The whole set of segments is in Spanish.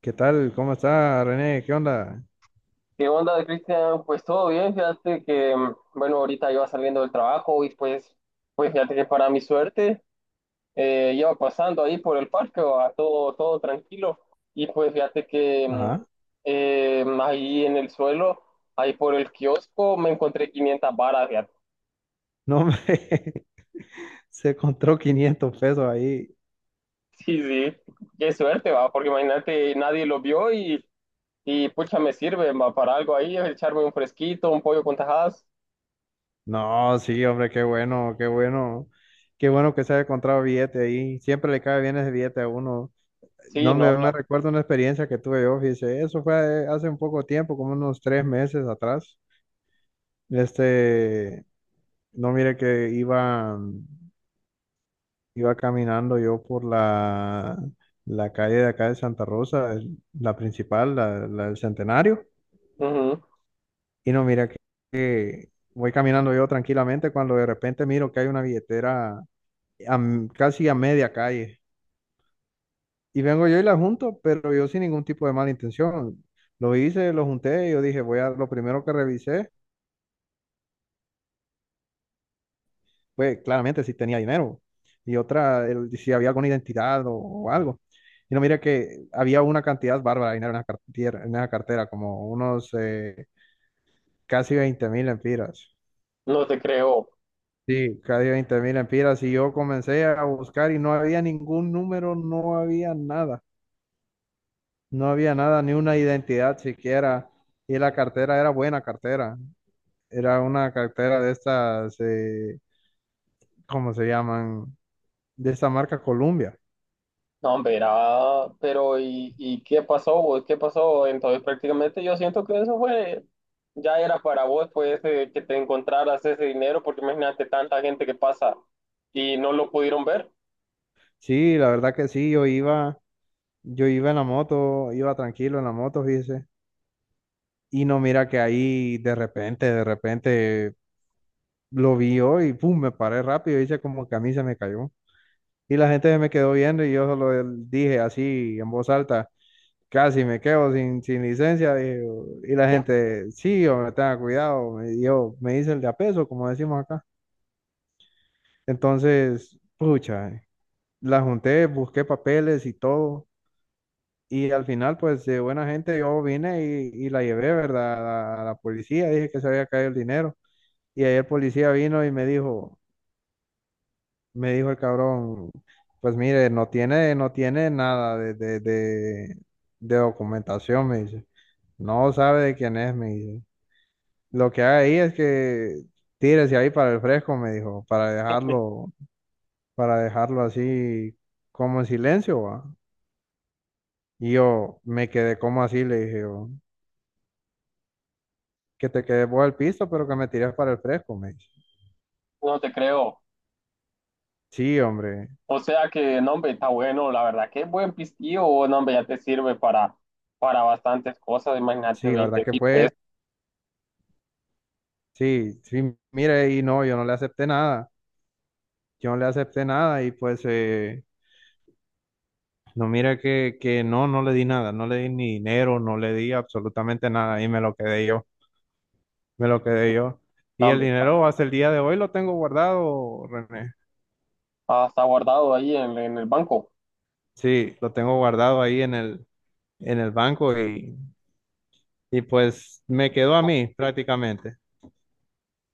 ¿Qué tal? ¿Cómo está, René? ¿Qué onda? ¿Qué onda, Cristian? Pues todo bien, fíjate que, bueno, ahorita iba saliendo del trabajo y pues fíjate que para mi suerte iba pasando ahí por el parque, va, todo, todo tranquilo. Y pues fíjate que Ajá. Ahí en el suelo, ahí por el kiosco, me encontré 500 varas, fíjate. No, hombre, se encontró 500 pesos ahí. Sí, sí, qué suerte, va, porque imagínate, nadie lo vio y pucha, me sirve, va, para algo ahí, echarme un fresquito, un pollo con tajadas. No, sí, hombre, qué bueno, qué bueno. Qué bueno que se haya encontrado billete ahí. Siempre le cae bien ese billete a uno. Sí, No, no, me recuerdo una experiencia que tuve yo, fíjese. Eso fue hace un poco tiempo, como unos 3 meses atrás. Este, no, mire que iba caminando yo por la calle de acá de Santa Rosa, la principal, la del Centenario. Ujú, Y no, mira que voy caminando yo tranquilamente cuando de repente miro que hay una billetera casi a media calle. Y vengo yo y la junto, pero yo sin ningún tipo de mala intención. Lo hice, lo junté, y yo dije, voy a, lo primero que revisé fue claramente si tenía dinero y otra, si había alguna identidad o algo. Y no, mira que había una cantidad bárbara de dinero en la cartera, como unos casi 20.000 empiras. no te creo. Sí, casi 20.000 empiras y yo comencé a buscar y no había ningún número, no había nada, ni una identidad siquiera. Y la cartera era buena cartera, era una cartera de estas, ¿cómo se llaman? De esta marca Columbia. No, hombre, pero ¿y qué pasó vos? ¿Qué pasó? Entonces prácticamente yo siento que eso fue, ya era para vos, pues, que te encontraras ese dinero, porque imagínate tanta gente que pasa y no lo pudieron ver. Sí, la verdad que sí, yo iba en la moto, iba tranquilo en la moto, fíjese. Y no mira que ahí de repente lo vi yo y pum, me paré rápido, hice como que a mí se me cayó. Y la gente se me quedó viendo y yo solo dije así en voz alta, casi me quedo sin licencia. Dije, "Oh", y la gente, sí, hombre, tenga cuidado. Me hice el de a peso, como decimos acá. Entonces, pucha, la junté, busqué papeles y todo. Y al final, pues de buena gente, yo vine y la llevé, ¿verdad? A la policía, dije que se había caído el dinero. Y ahí el policía vino y me dijo el cabrón, pues mire, no tiene nada de documentación, me dice. No sabe de quién es, me dice. Lo que hay ahí es que tírese ahí para el fresco, me dijo, para dejarlo así como en silencio, va. Y yo me quedé como así, le dije yo, que te quedes vos al piso, pero que me tires para el fresco, me dice. No te creo. Sí, hombre, O sea que, no, hombre, está bueno, la verdad, qué buen pistillo, no, hombre, ya te sirve para bastantes cosas, imagínate sí, la verdad veinte que mil pesos, fue, sí, sí, mire, y no, yo no le acepté nada. Yo no le acepté nada y pues no mira que no, no le di nada, no le di ni dinero, no le di absolutamente nada y me lo quedé yo, me lo quedé yo. no, Y el hombre, dinero hasta el día de hoy lo tengo guardado, René. está guardado ahí en el banco. Sí, lo tengo guardado ahí en el banco y pues me quedó a mí prácticamente.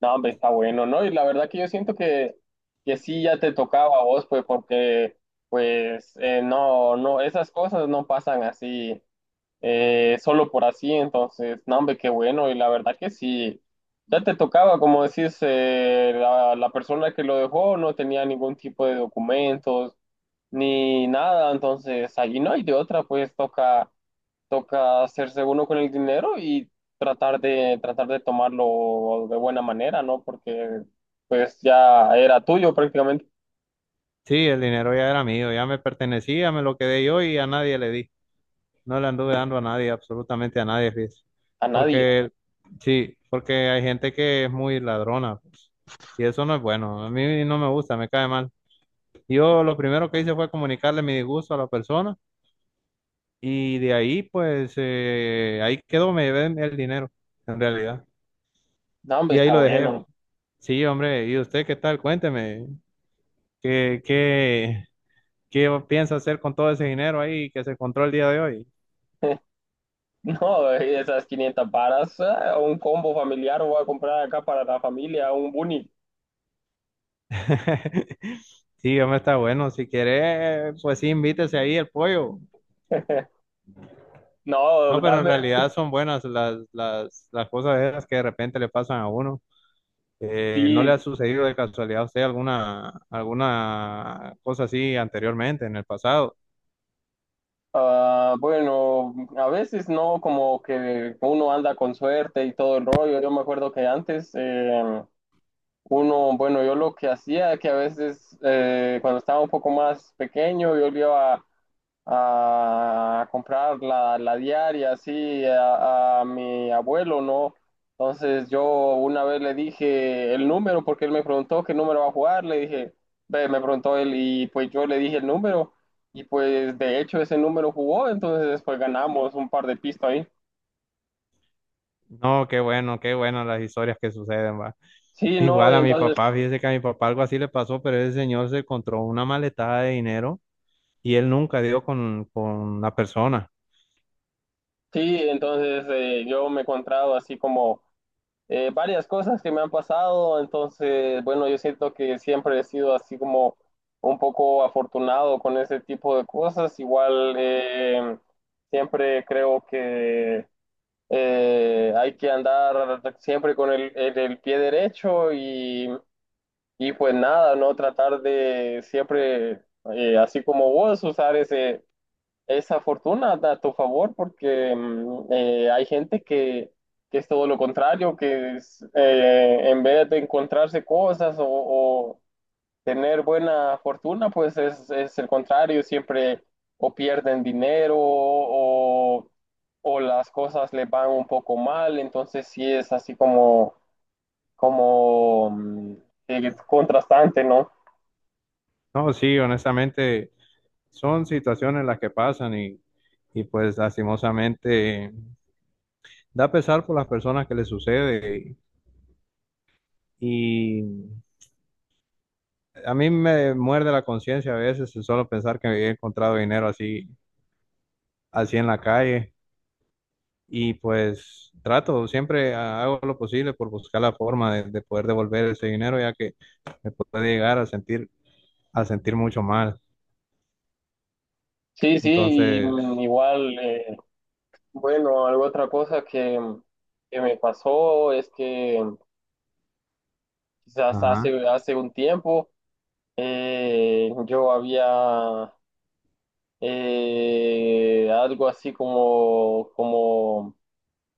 No, hombre, está bueno, ¿no? Y la verdad que yo siento que sí ya te tocaba a vos, pues, porque, pues, no, no, esas cosas no pasan así, solo por así, entonces, no, hombre, qué bueno, y la verdad que sí, ya te tocaba, como decís, la persona que lo dejó no tenía ningún tipo de documentos ni nada, entonces allí no hay de otra, pues toca hacerse uno con el dinero y tratar de tomarlo de buena manera, ¿no? Porque pues ya era tuyo prácticamente Sí, el dinero ya era mío, ya me pertenecía, me lo quedé yo y a nadie le di. No le anduve dando a nadie, absolutamente a nadie, fíjese. a nadie. Porque, sí, porque hay gente que es muy ladrona, pues, y eso no es bueno. A mí no me gusta, me cae mal. Yo lo primero que hice fue comunicarle mi disgusto a la persona y de ahí, pues, ahí quedó, me llevé el dinero, en realidad. No, hombre, Y ahí está lo dejé, bueno. bro. Sí, hombre, ¿y usted qué tal? Cuénteme, ¿qué, qué, qué piensa hacer con todo ese dinero ahí que se encontró el día de hoy? No, esas 500 varas, un combo familiar, voy a comprar acá para la familia, un bunny. Sí, hombre, está bueno. Si quiere, pues sí, invítese ahí el pollo. No, No, pero en dame, realidad son buenas las cosas esas que de repente le pasan a uno. ¿No le sí. ha sucedido de casualidad a usted alguna cosa así anteriormente, en el pasado? Ah, bueno, a veces no, como que uno anda con suerte y todo el rollo. Yo me acuerdo que antes, uno, bueno, yo lo que hacía, que a veces cuando estaba un poco más pequeño, yo le iba a comprar la diaria así a mi abuelo, ¿no? Entonces yo una vez le dije el número porque él me preguntó qué número va a jugar, le dije, ve, me preguntó él y pues yo le dije el número y pues de hecho ese número jugó, entonces pues ganamos un par de pistas ahí. No, qué bueno las historias que suceden, va. Sí, no, Igual a mi entonces. papá, fíjese que a mi papá algo así le pasó, pero ese señor se encontró una maletada de dinero y él nunca dio con la persona. Sí, entonces yo me he encontrado así como varias cosas que me han pasado, entonces, bueno, yo siento que siempre he sido así como un poco afortunado con ese tipo de cosas, igual siempre creo que hay que andar siempre con el pie derecho y pues nada, no tratar de siempre, así como vos, usar ese esa fortuna da a tu favor porque hay gente que es todo lo contrario, que es, en vez de encontrarse cosas o tener buena fortuna, pues es el contrario, siempre o pierden dinero o las cosas les van un poco mal, entonces sí es así como contrastante, ¿no? No, sí, honestamente. Son situaciones las que pasan y pues lastimosamente da pesar por las personas que les sucede y a mí me muerde la conciencia a veces solo pensar que he encontrado dinero así en la calle y pues trato, siempre hago lo posible por buscar la forma de poder devolver ese dinero ya que me puede llegar a sentir mucho mal. Sí, sí, y, Entonces, igual, bueno, algo otra cosa que me pasó es que quizás ajá. hace un tiempo yo había algo así como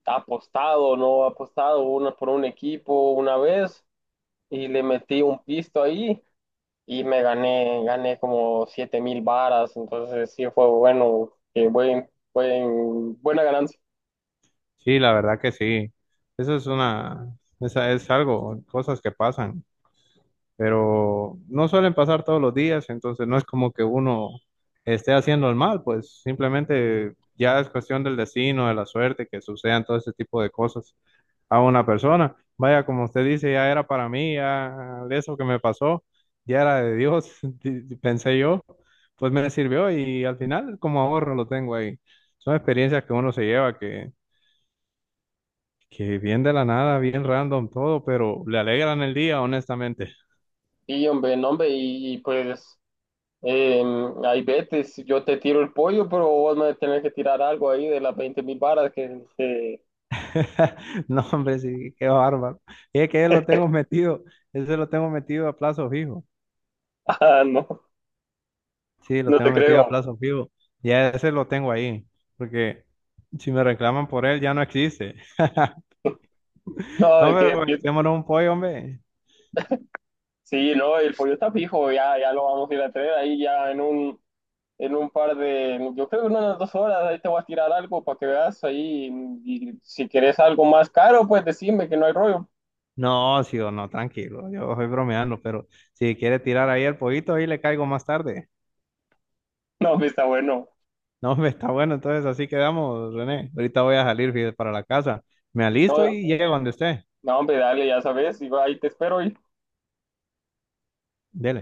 apostado, ¿no? Apostado por un equipo una vez y le metí un pisto ahí y me gané como 7,000 varas, entonces sí fue bueno, buena ganancia. Sí, la verdad que sí. Eso es una, Esa es algo, cosas que pasan, pero no suelen pasar todos los días, entonces no es como que uno esté haciendo el mal, pues simplemente ya es cuestión del destino, de la suerte, que sucedan todo ese tipo de cosas a una persona. Vaya, como usted dice, ya era para mí, ya eso que me pasó, ya era de Dios, pensé yo, pues me sirvió y al final como ahorro lo tengo ahí. Son experiencias que uno se lleva que bien de la nada, bien random todo, pero le alegran el día, honestamente. Sí, hombre, no, hombre, pues eh, ahí vete, si yo te tiro el pollo, pero vos me tenés que tirar algo ahí de las 20,000 varas que. No, hombre, sí, qué bárbaro. Y es que lo tengo metido, ese lo tengo metido a plazo fijo. Ah, no, Sí, lo no tengo te metido a creo. plazo fijo. Ya ese lo tengo ahí, porque si me reclaman por él, ya no existe. No, No, de que pero echémonos un pollo, hombre. sí, no, el pollo está fijo, ya, ya lo vamos a ir a traer ahí ya en un par de, yo creo que en unas 2 horas ahí te voy a tirar algo para que veas ahí y si querés algo más caro, pues decime que no hay rollo. No, sí o no, tranquilo, yo estoy bromeando, pero si quiere tirar ahí el pollito, ahí le caigo más tarde. No, hombre, está bueno. No, hombre, está bueno, entonces así quedamos, René. Ahorita voy a salir fíjate, para la casa. Me alisto No, y llego donde esté. no, hombre, dale, ya sabes, y ahí te espero. Dele.